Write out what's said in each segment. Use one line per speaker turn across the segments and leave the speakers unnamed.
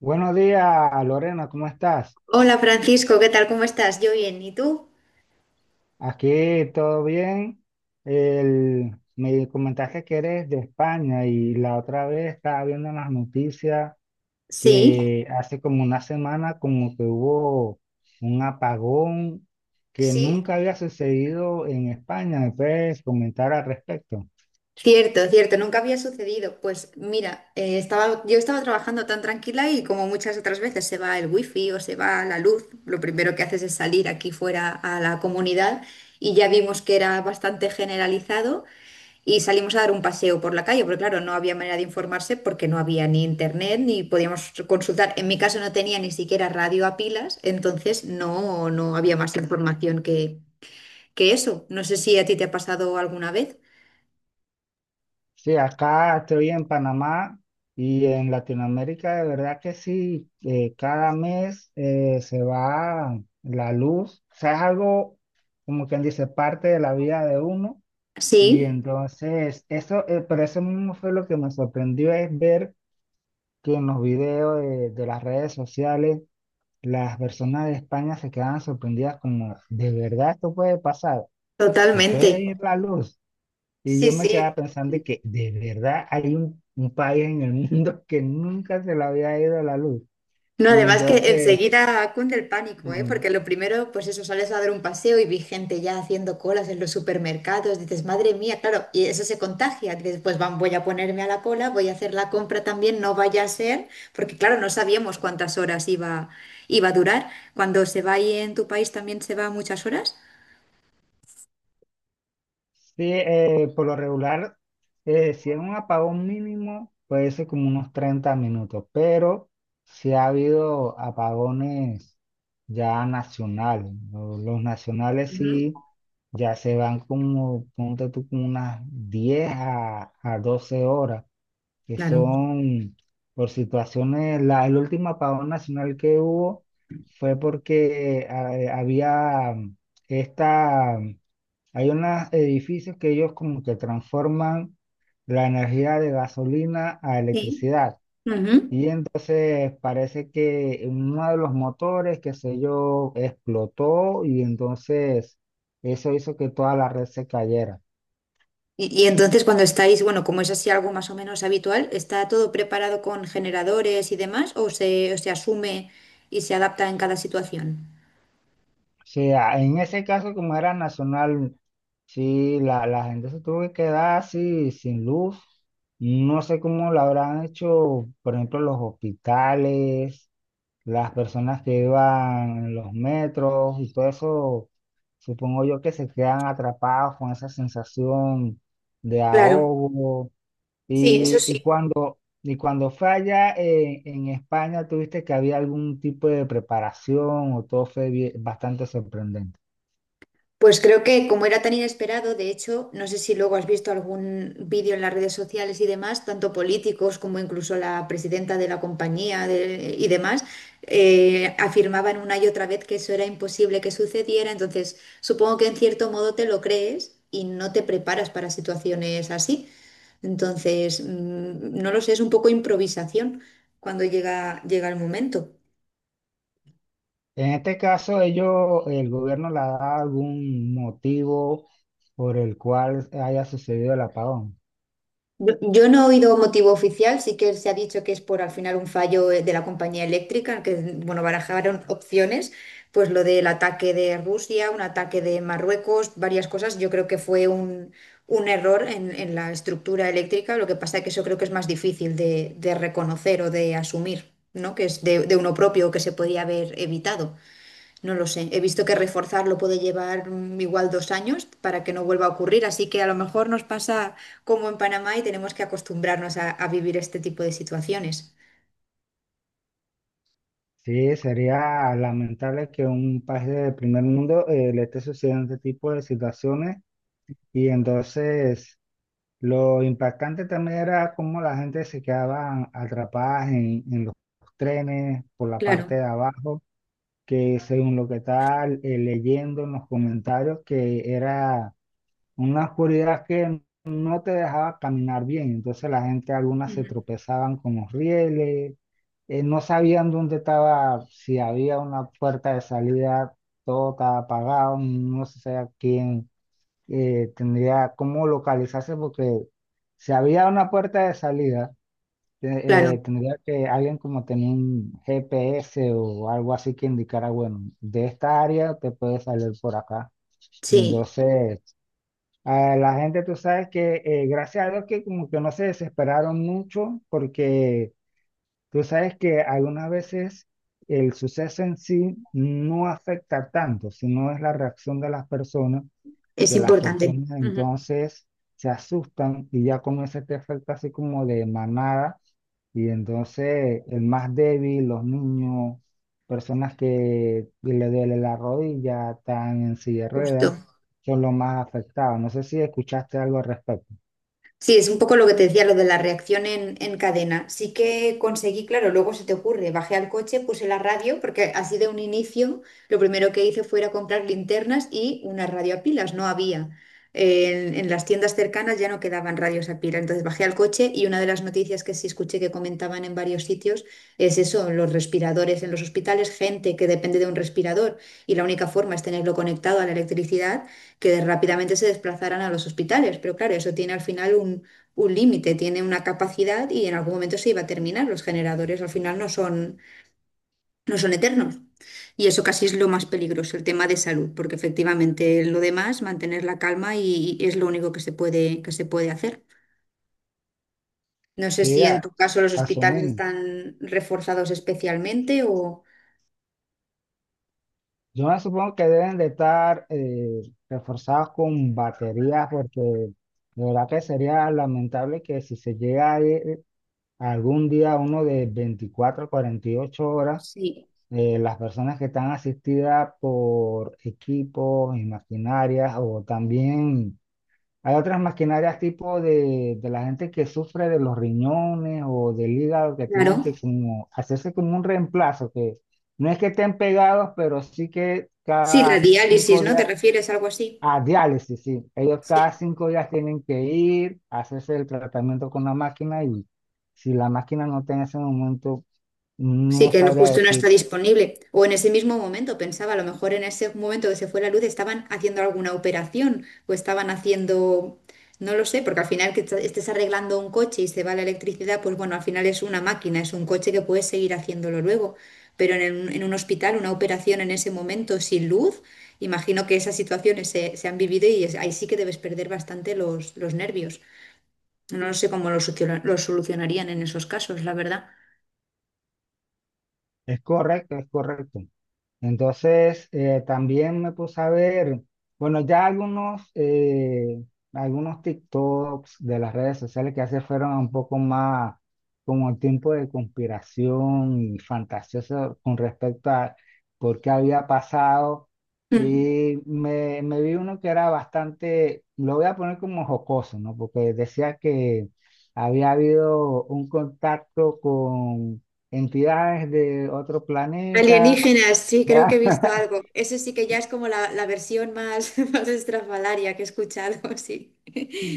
Buenos días, Lorena, ¿cómo estás?
Hola Francisco, ¿qué tal? ¿Cómo estás? Yo bien, ¿y tú?
Aquí todo bien. Me comentaste que eres de España y la otra vez estaba viendo en las noticias
Sí,
que hace como una semana como que hubo un apagón que
sí,
nunca había sucedido en España. ¿Me puedes comentar al respecto?
cierto, nunca había sucedido. Pues mira, yo estaba trabajando tan tranquila y como muchas otras veces se va el wifi o se va la luz, lo primero que haces es salir aquí fuera a la comunidad y ya vimos que era bastante generalizado y salimos a dar un paseo por la calle, porque claro, no había manera de informarse porque no había ni internet ni podíamos consultar. En mi caso no tenía ni siquiera radio a pilas, entonces no había más información que eso. No sé si a ti te ha pasado alguna vez.
Sí, acá estoy en Panamá y en Latinoamérica, de verdad que sí, cada mes se va la luz, o sea, es algo como quien dice parte de la vida de uno. Y
Sí,
entonces eso, pero eso mismo fue lo que me sorprendió, es ver que en los videos de las redes sociales, las personas de España se quedaban sorprendidas como, ¿de verdad esto puede pasar? ¿Se puede
totalmente.
ir la luz? Y
Sí,
yo me
sí.
quedaba pensando de que de verdad hay un país en el mundo que nunca se le había ido la luz.
No,
Y
además que
entonces,
enseguida cunde el pánico, ¿eh?
mm,
Porque lo primero, pues eso, sales a dar un paseo y vi gente ya haciendo colas en los supermercados. Dices, madre mía, claro, y eso se contagia. Dices, pues van, voy a ponerme a la cola, voy a hacer la compra también, no vaya a ser, porque claro, no sabíamos iba a durar. Cuando se va ahí en tu país también se va muchas horas.
sí, por lo regular, si es un apagón mínimo, puede ser como unos 30 minutos, pero si ha habido apagones ya nacionales, ¿no? Los nacionales
Ujú.
sí, ya se van como, ponte tú, como unas 10 a 12 horas, que
Claro.
son por situaciones. El último apagón nacional que hubo fue porque había, esta, mm, hay unos edificios que ellos como que transforman la energía de gasolina a
Sí.
electricidad.
Ujú.
Y entonces parece que uno de los motores, qué sé yo, explotó, y entonces eso hizo que toda la red se cayera.
Y entonces cuando estáis, bueno, como es así algo más o menos habitual, ¿está todo preparado con generadores y demás o se asume y se adapta en cada situación?
Sí, en ese caso, como era nacional, sí, la gente se tuvo que quedar así, sin luz. No sé cómo lo habrán hecho, por ejemplo, los hospitales, las personas que iban en los metros y todo eso. Supongo yo que se quedan atrapados con esa sensación de
Claro,
ahogo.
sí, eso sí.
Y cuando falla en España, ¿tuviste que había algún tipo de preparación o todo fue bastante sorprendente?
Pues creo que como era tan inesperado, de hecho, no sé si luego has visto algún vídeo en las redes sociales y demás, tanto políticos como incluso la presidenta de la compañía de- y demás, afirmaban una y otra vez que eso era imposible que sucediera. Entonces, supongo que en cierto modo te lo crees y no te preparas para situaciones así. Entonces, no lo sé, es un poco improvisación cuando llega el momento.
En este caso, ellos, el gobierno le da algún motivo por el cual haya sucedido el apagón.
Yo no he oído motivo oficial, sí que se ha dicho que es por al final un fallo de la compañía eléctrica, que bueno, barajaron opciones, pues lo del ataque de Rusia, un ataque de Marruecos, varias cosas. Yo creo que fue un error en la estructura eléctrica, lo que pasa es que eso creo que es más difícil de reconocer o de asumir, ¿no? Que es de uno propio que se podía haber evitado. No lo sé. He visto que reforzarlo puede llevar igual 2 años para que no vuelva a ocurrir, así que a lo mejor nos pasa como en Panamá y tenemos que acostumbrarnos a vivir este tipo de situaciones.
Sí, sería lamentable que un país del primer mundo le esté sucediendo este tipo de situaciones. Y entonces lo impactante también era cómo la gente se quedaba atrapada en los trenes por la
Claro,
parte de abajo, que según lo que estaba leyendo en los comentarios, que era una oscuridad que no te dejaba caminar bien. Entonces la gente, algunas se
ujú,
tropezaban con los rieles, no sabían dónde estaba, si había una puerta de salida, todo estaba apagado, no se sabía quién tendría cómo localizarse, porque si había una puerta de salida,
claro,
tendría que alguien como tener un GPS o algo así que indicara, bueno, de esta área te puedes salir por acá. Y
sí,
entonces, a la gente, tú sabes que gracias a Dios que como que no se desesperaron mucho, porque tú sabes que algunas veces... El suceso en sí no afecta tanto, sino es la reacción de las personas,
es
que las
importante,
personas
ujú,
entonces se asustan y ya comienza este efecto así como de manada. Y entonces el más débil, los niños, personas que le duele la rodilla, están en silla de
justo.
ruedas, son los más afectados. No sé si escuchaste algo al respecto.
Sí, es un poco lo que te decía, lo de la reacción en cadena. Sí que conseguí, claro, luego se te ocurre, bajé al coche, puse la radio, porque así de un inicio lo primero que hice fue ir a comprar linternas y una radio a pilas, no había. En las tiendas cercanas ya no quedaban radios a pila, entonces bajé al coche y una de las noticias que sí escuché que comentaban en varios sitios es eso, los respiradores en los hospitales, gente que depende de un respirador y la única forma es tenerlo conectado a la electricidad que rápidamente se desplazaran a los hospitales. Pero claro, eso tiene al final un límite, tiene una capacidad y en algún momento se iba a terminar. Los generadores al final no son eternos. Y eso casi es lo más peligroso, el tema de salud, porque efectivamente lo demás, mantener la calma y es lo único que que se puede hacer. No sé
Sí,
si en tu caso los hospitales
asumimos.
están reforzados especialmente o...
Yo me supongo que deben de estar reforzados con baterías, porque de verdad que sería lamentable que si se llega algún día, uno de 24 a ocho horas,
Sí,
las personas que están asistidas por equipos y maquinarias, o también hay otras maquinarias tipo de la gente que sufre de los riñones o del hígado, que tienen que
claro.
como hacerse como un reemplazo, que no es que estén pegados, pero sí que
Sí, la
cada
diálisis,
cinco
¿no? ¿Te
días
refieres a algo así?
a diálisis, sí. Ellos cada
Sí.
cinco días tienen que ir, hacerse el tratamiento con la máquina, y si la máquina no está en ese momento,
Sí,
no
que no-
sabría
justo no está
decir,
disponible. O en ese mismo momento, pensaba, a lo mejor en ese momento que se fue la luz estaban haciendo alguna operación o estaban haciendo, no lo sé, porque al final que est- estés arreglando un coche y se va la electricidad, pues bueno, al final es una máquina, es un coche que puedes seguir haciéndolo luego. Pero en, el- en un hospital, una operación en ese momento sin luz, imagino que esas situaciones se han vivido y es- ahí sí que debes perder bastante los nervios. No lo sé cómo lo, soluciona- lo solucionarían en esos casos, la verdad.
es correcto, es correcto. Entonces, también me puse a ver, bueno, ya algunos, algunos TikToks de las redes sociales, que hace fueron un poco más como el tiempo de conspiración y fantasioso con respecto a por qué había pasado. Y me vi uno que era bastante, lo voy a poner como jocoso, ¿no? Porque decía que había habido un contacto con entidades de otro planeta.
Alienígenas, sí, creo que he visto algo. Eso sí que ya es como la versión más, más estrafalaria que he escuchado, sí.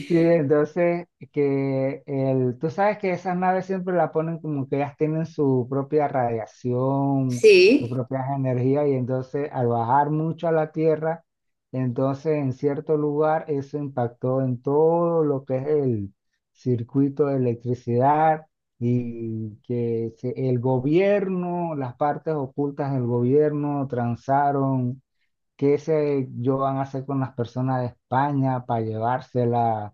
Sí, entonces que el, tú sabes que esas naves siempre la ponen como que ellas tienen su propia radiación, sus
Sí,
propias energías, y entonces al bajar mucho a la Tierra, entonces en cierto lugar eso impactó en todo lo que es el circuito de electricidad, y el gobierno, las partes ocultas del gobierno transaron qué sé yo van a hacer con las personas de España para llevársela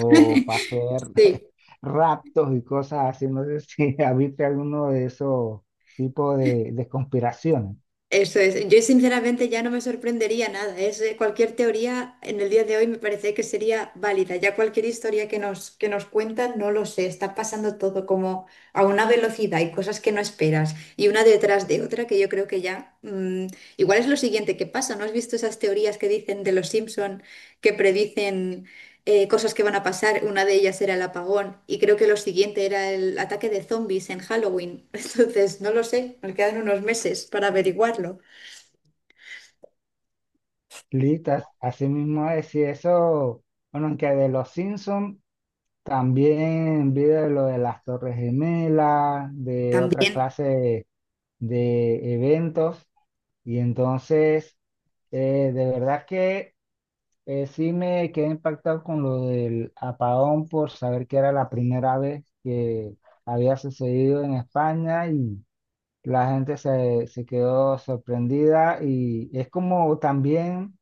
para hacer
sí.
raptos y cosas así. No sé si habiste alguno de esos tipos de conspiraciones.
Eso es. Yo sinceramente ya no me sorprendería nada. Es, cualquier teoría en el día de hoy me parece que sería válida. Ya cualquier historia que que nos cuentan, no lo sé. Está pasando todo como a una velocidad y cosas que no esperas. Y una detrás de otra que yo creo que ya... igual es lo siguiente que pasa. ¿No has visto esas teorías que dicen de los Simpson que predicen cosas que van a pasar? Una de ellas era el apagón y creo que lo siguiente era el ataque de zombies en Halloween. Entonces, no lo sé, nos quedan unos meses para averiguarlo.
Listas, así mismo es, y eso, bueno, aunque de los Simpsons también vi de lo de las Torres Gemelas, de otra
También,
clase de eventos, y entonces, de verdad que eh, sí me quedé impactado con lo del apagón por saber que era la primera vez que había sucedido en España, y la gente se, se quedó sorprendida, y es como también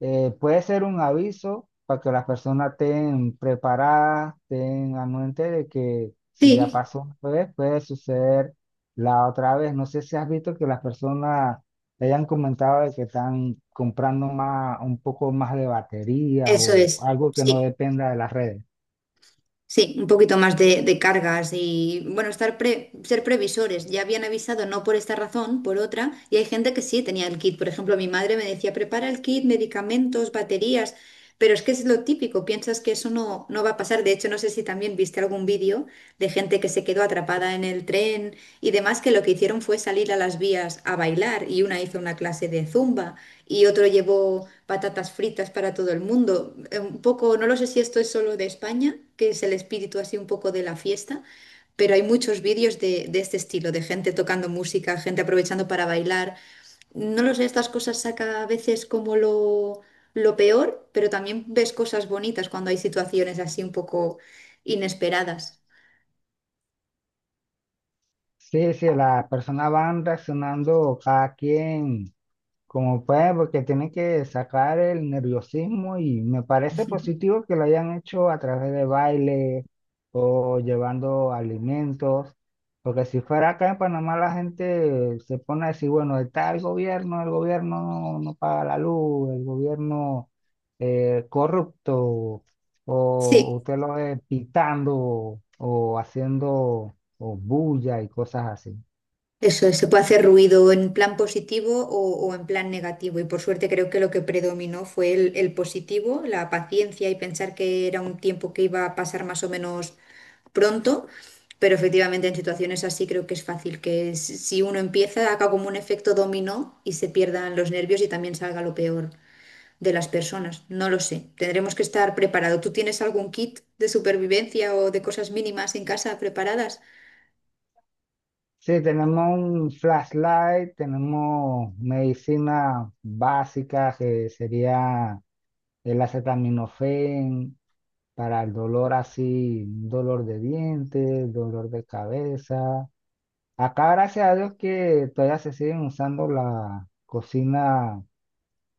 puede ser un aviso para que las personas estén preparadas, tengan mente de que si ya
sí,
pasó una vez, puede suceder la otra vez. No sé si has visto que las personas te hayan comentado de que están comprando más, un poco más de baterías,
eso
o
es,
algo que no
sí,
dependa de las redes.
sí, un poquito más de cargas y, bueno, estar pre- ser previsores. Ya habían avisado, no por esta razón, por otra, y hay gente que sí tenía el kit. Por ejemplo, mi madre me decía, prepara el kit, medicamentos, baterías. Pero es que es lo típico, piensas que eso no va a pasar. De hecho, no sé si también viste algún vídeo de gente que se quedó atrapada en el tren y demás, que lo que hicieron fue salir a las vías a bailar y una hizo una clase de zumba y otro llevó patatas fritas para todo el mundo. Un poco, no lo sé si esto es solo de España, que es el espíritu así un poco de la fiesta, pero hay muchos vídeos de este estilo, de gente tocando música, gente aprovechando para bailar. No lo sé, estas cosas saca a veces como lo... Lo peor, pero también ves cosas bonitas cuando hay situaciones así un poco inesperadas.
Sí, sí, las personas van reaccionando cada quien como pues, porque tiene que sacar el nerviosismo, y me parece positivo que lo hayan hecho a través de baile o llevando alimentos, porque si fuera acá en Panamá la gente se pone a decir, bueno, está el gobierno no, no paga la luz, el gobierno corrupto, o
Sí,
usted lo ve pitando o haciendo o bulla y cosas así.
eso es, se puede hacer ruido en plan positivo o en plan negativo. Y por suerte creo que lo que predominó fue el positivo, la paciencia y pensar que era un tiempo que iba a pasar más o menos pronto. Pero efectivamente en situaciones así creo que es fácil que s- si uno empieza, haga como un efecto dominó y se pierdan los nervios y también salga lo peor de las personas. No lo sé. Tendremos que estar preparados. ¿Tú tienes algún kit de supervivencia o de cosas mínimas en casa preparadas?
Sí, tenemos un flashlight, tenemos medicina básica que sería el acetaminofén para el dolor así, dolor de dientes, dolor de cabeza. Acá gracias a Dios que todavía se siguen usando la cocina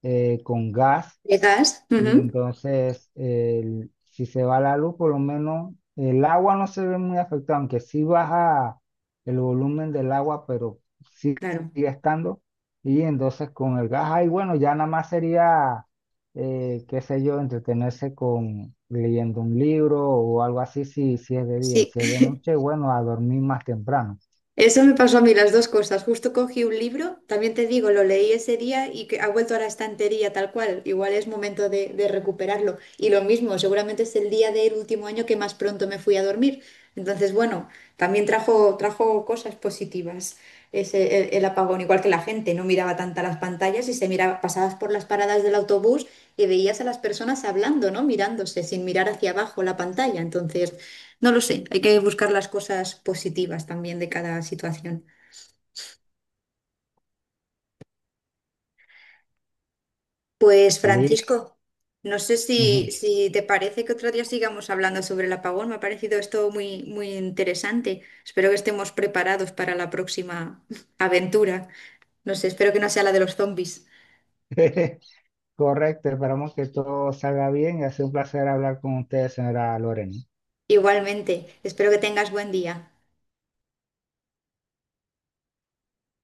con gas,
¿De gas?
y
Ujú,
entonces, si se va la luz, por lo menos el agua no se ve muy afectada, aunque sí baja el volumen del agua, pero sí
claro.
sigue estando. Y entonces con el gas, ahí bueno, ya nada más sería, qué sé yo, entretenerse con leyendo un libro o algo así, si, si es de día, y
Sí.
si es de noche, bueno, a dormir más temprano.
Eso me pasó a mí las dos cosas. Justo cogí un libro, también te digo, lo leí ese día y que ha vuelto a la estantería tal cual. Igual es momento de recuperarlo. Y lo mismo, seguramente es el día del último año que más pronto me fui a dormir. Entonces, bueno, también trajo cosas positivas ese, el apagón, igual que la gente no miraba tanta las pantallas y se miraba, pasabas por las paradas del autobús y veías a las personas hablando, ¿no? Mirándose sin mirar hacia abajo la pantalla. Entonces, no lo sé, hay que buscar las cosas positivas también de cada situación. Pues
Li-
Francisco, no sé si te parece que otro día sigamos hablando sobre el apagón. Me ha parecido esto muy interesante. Espero que estemos preparados para la próxima aventura. No sé, espero que no sea la de los zombies.
Correcto, esperamos que todo salga bien, y ha sido un placer hablar con ustedes, señora Lorena.
Igualmente, espero que tengas buen día.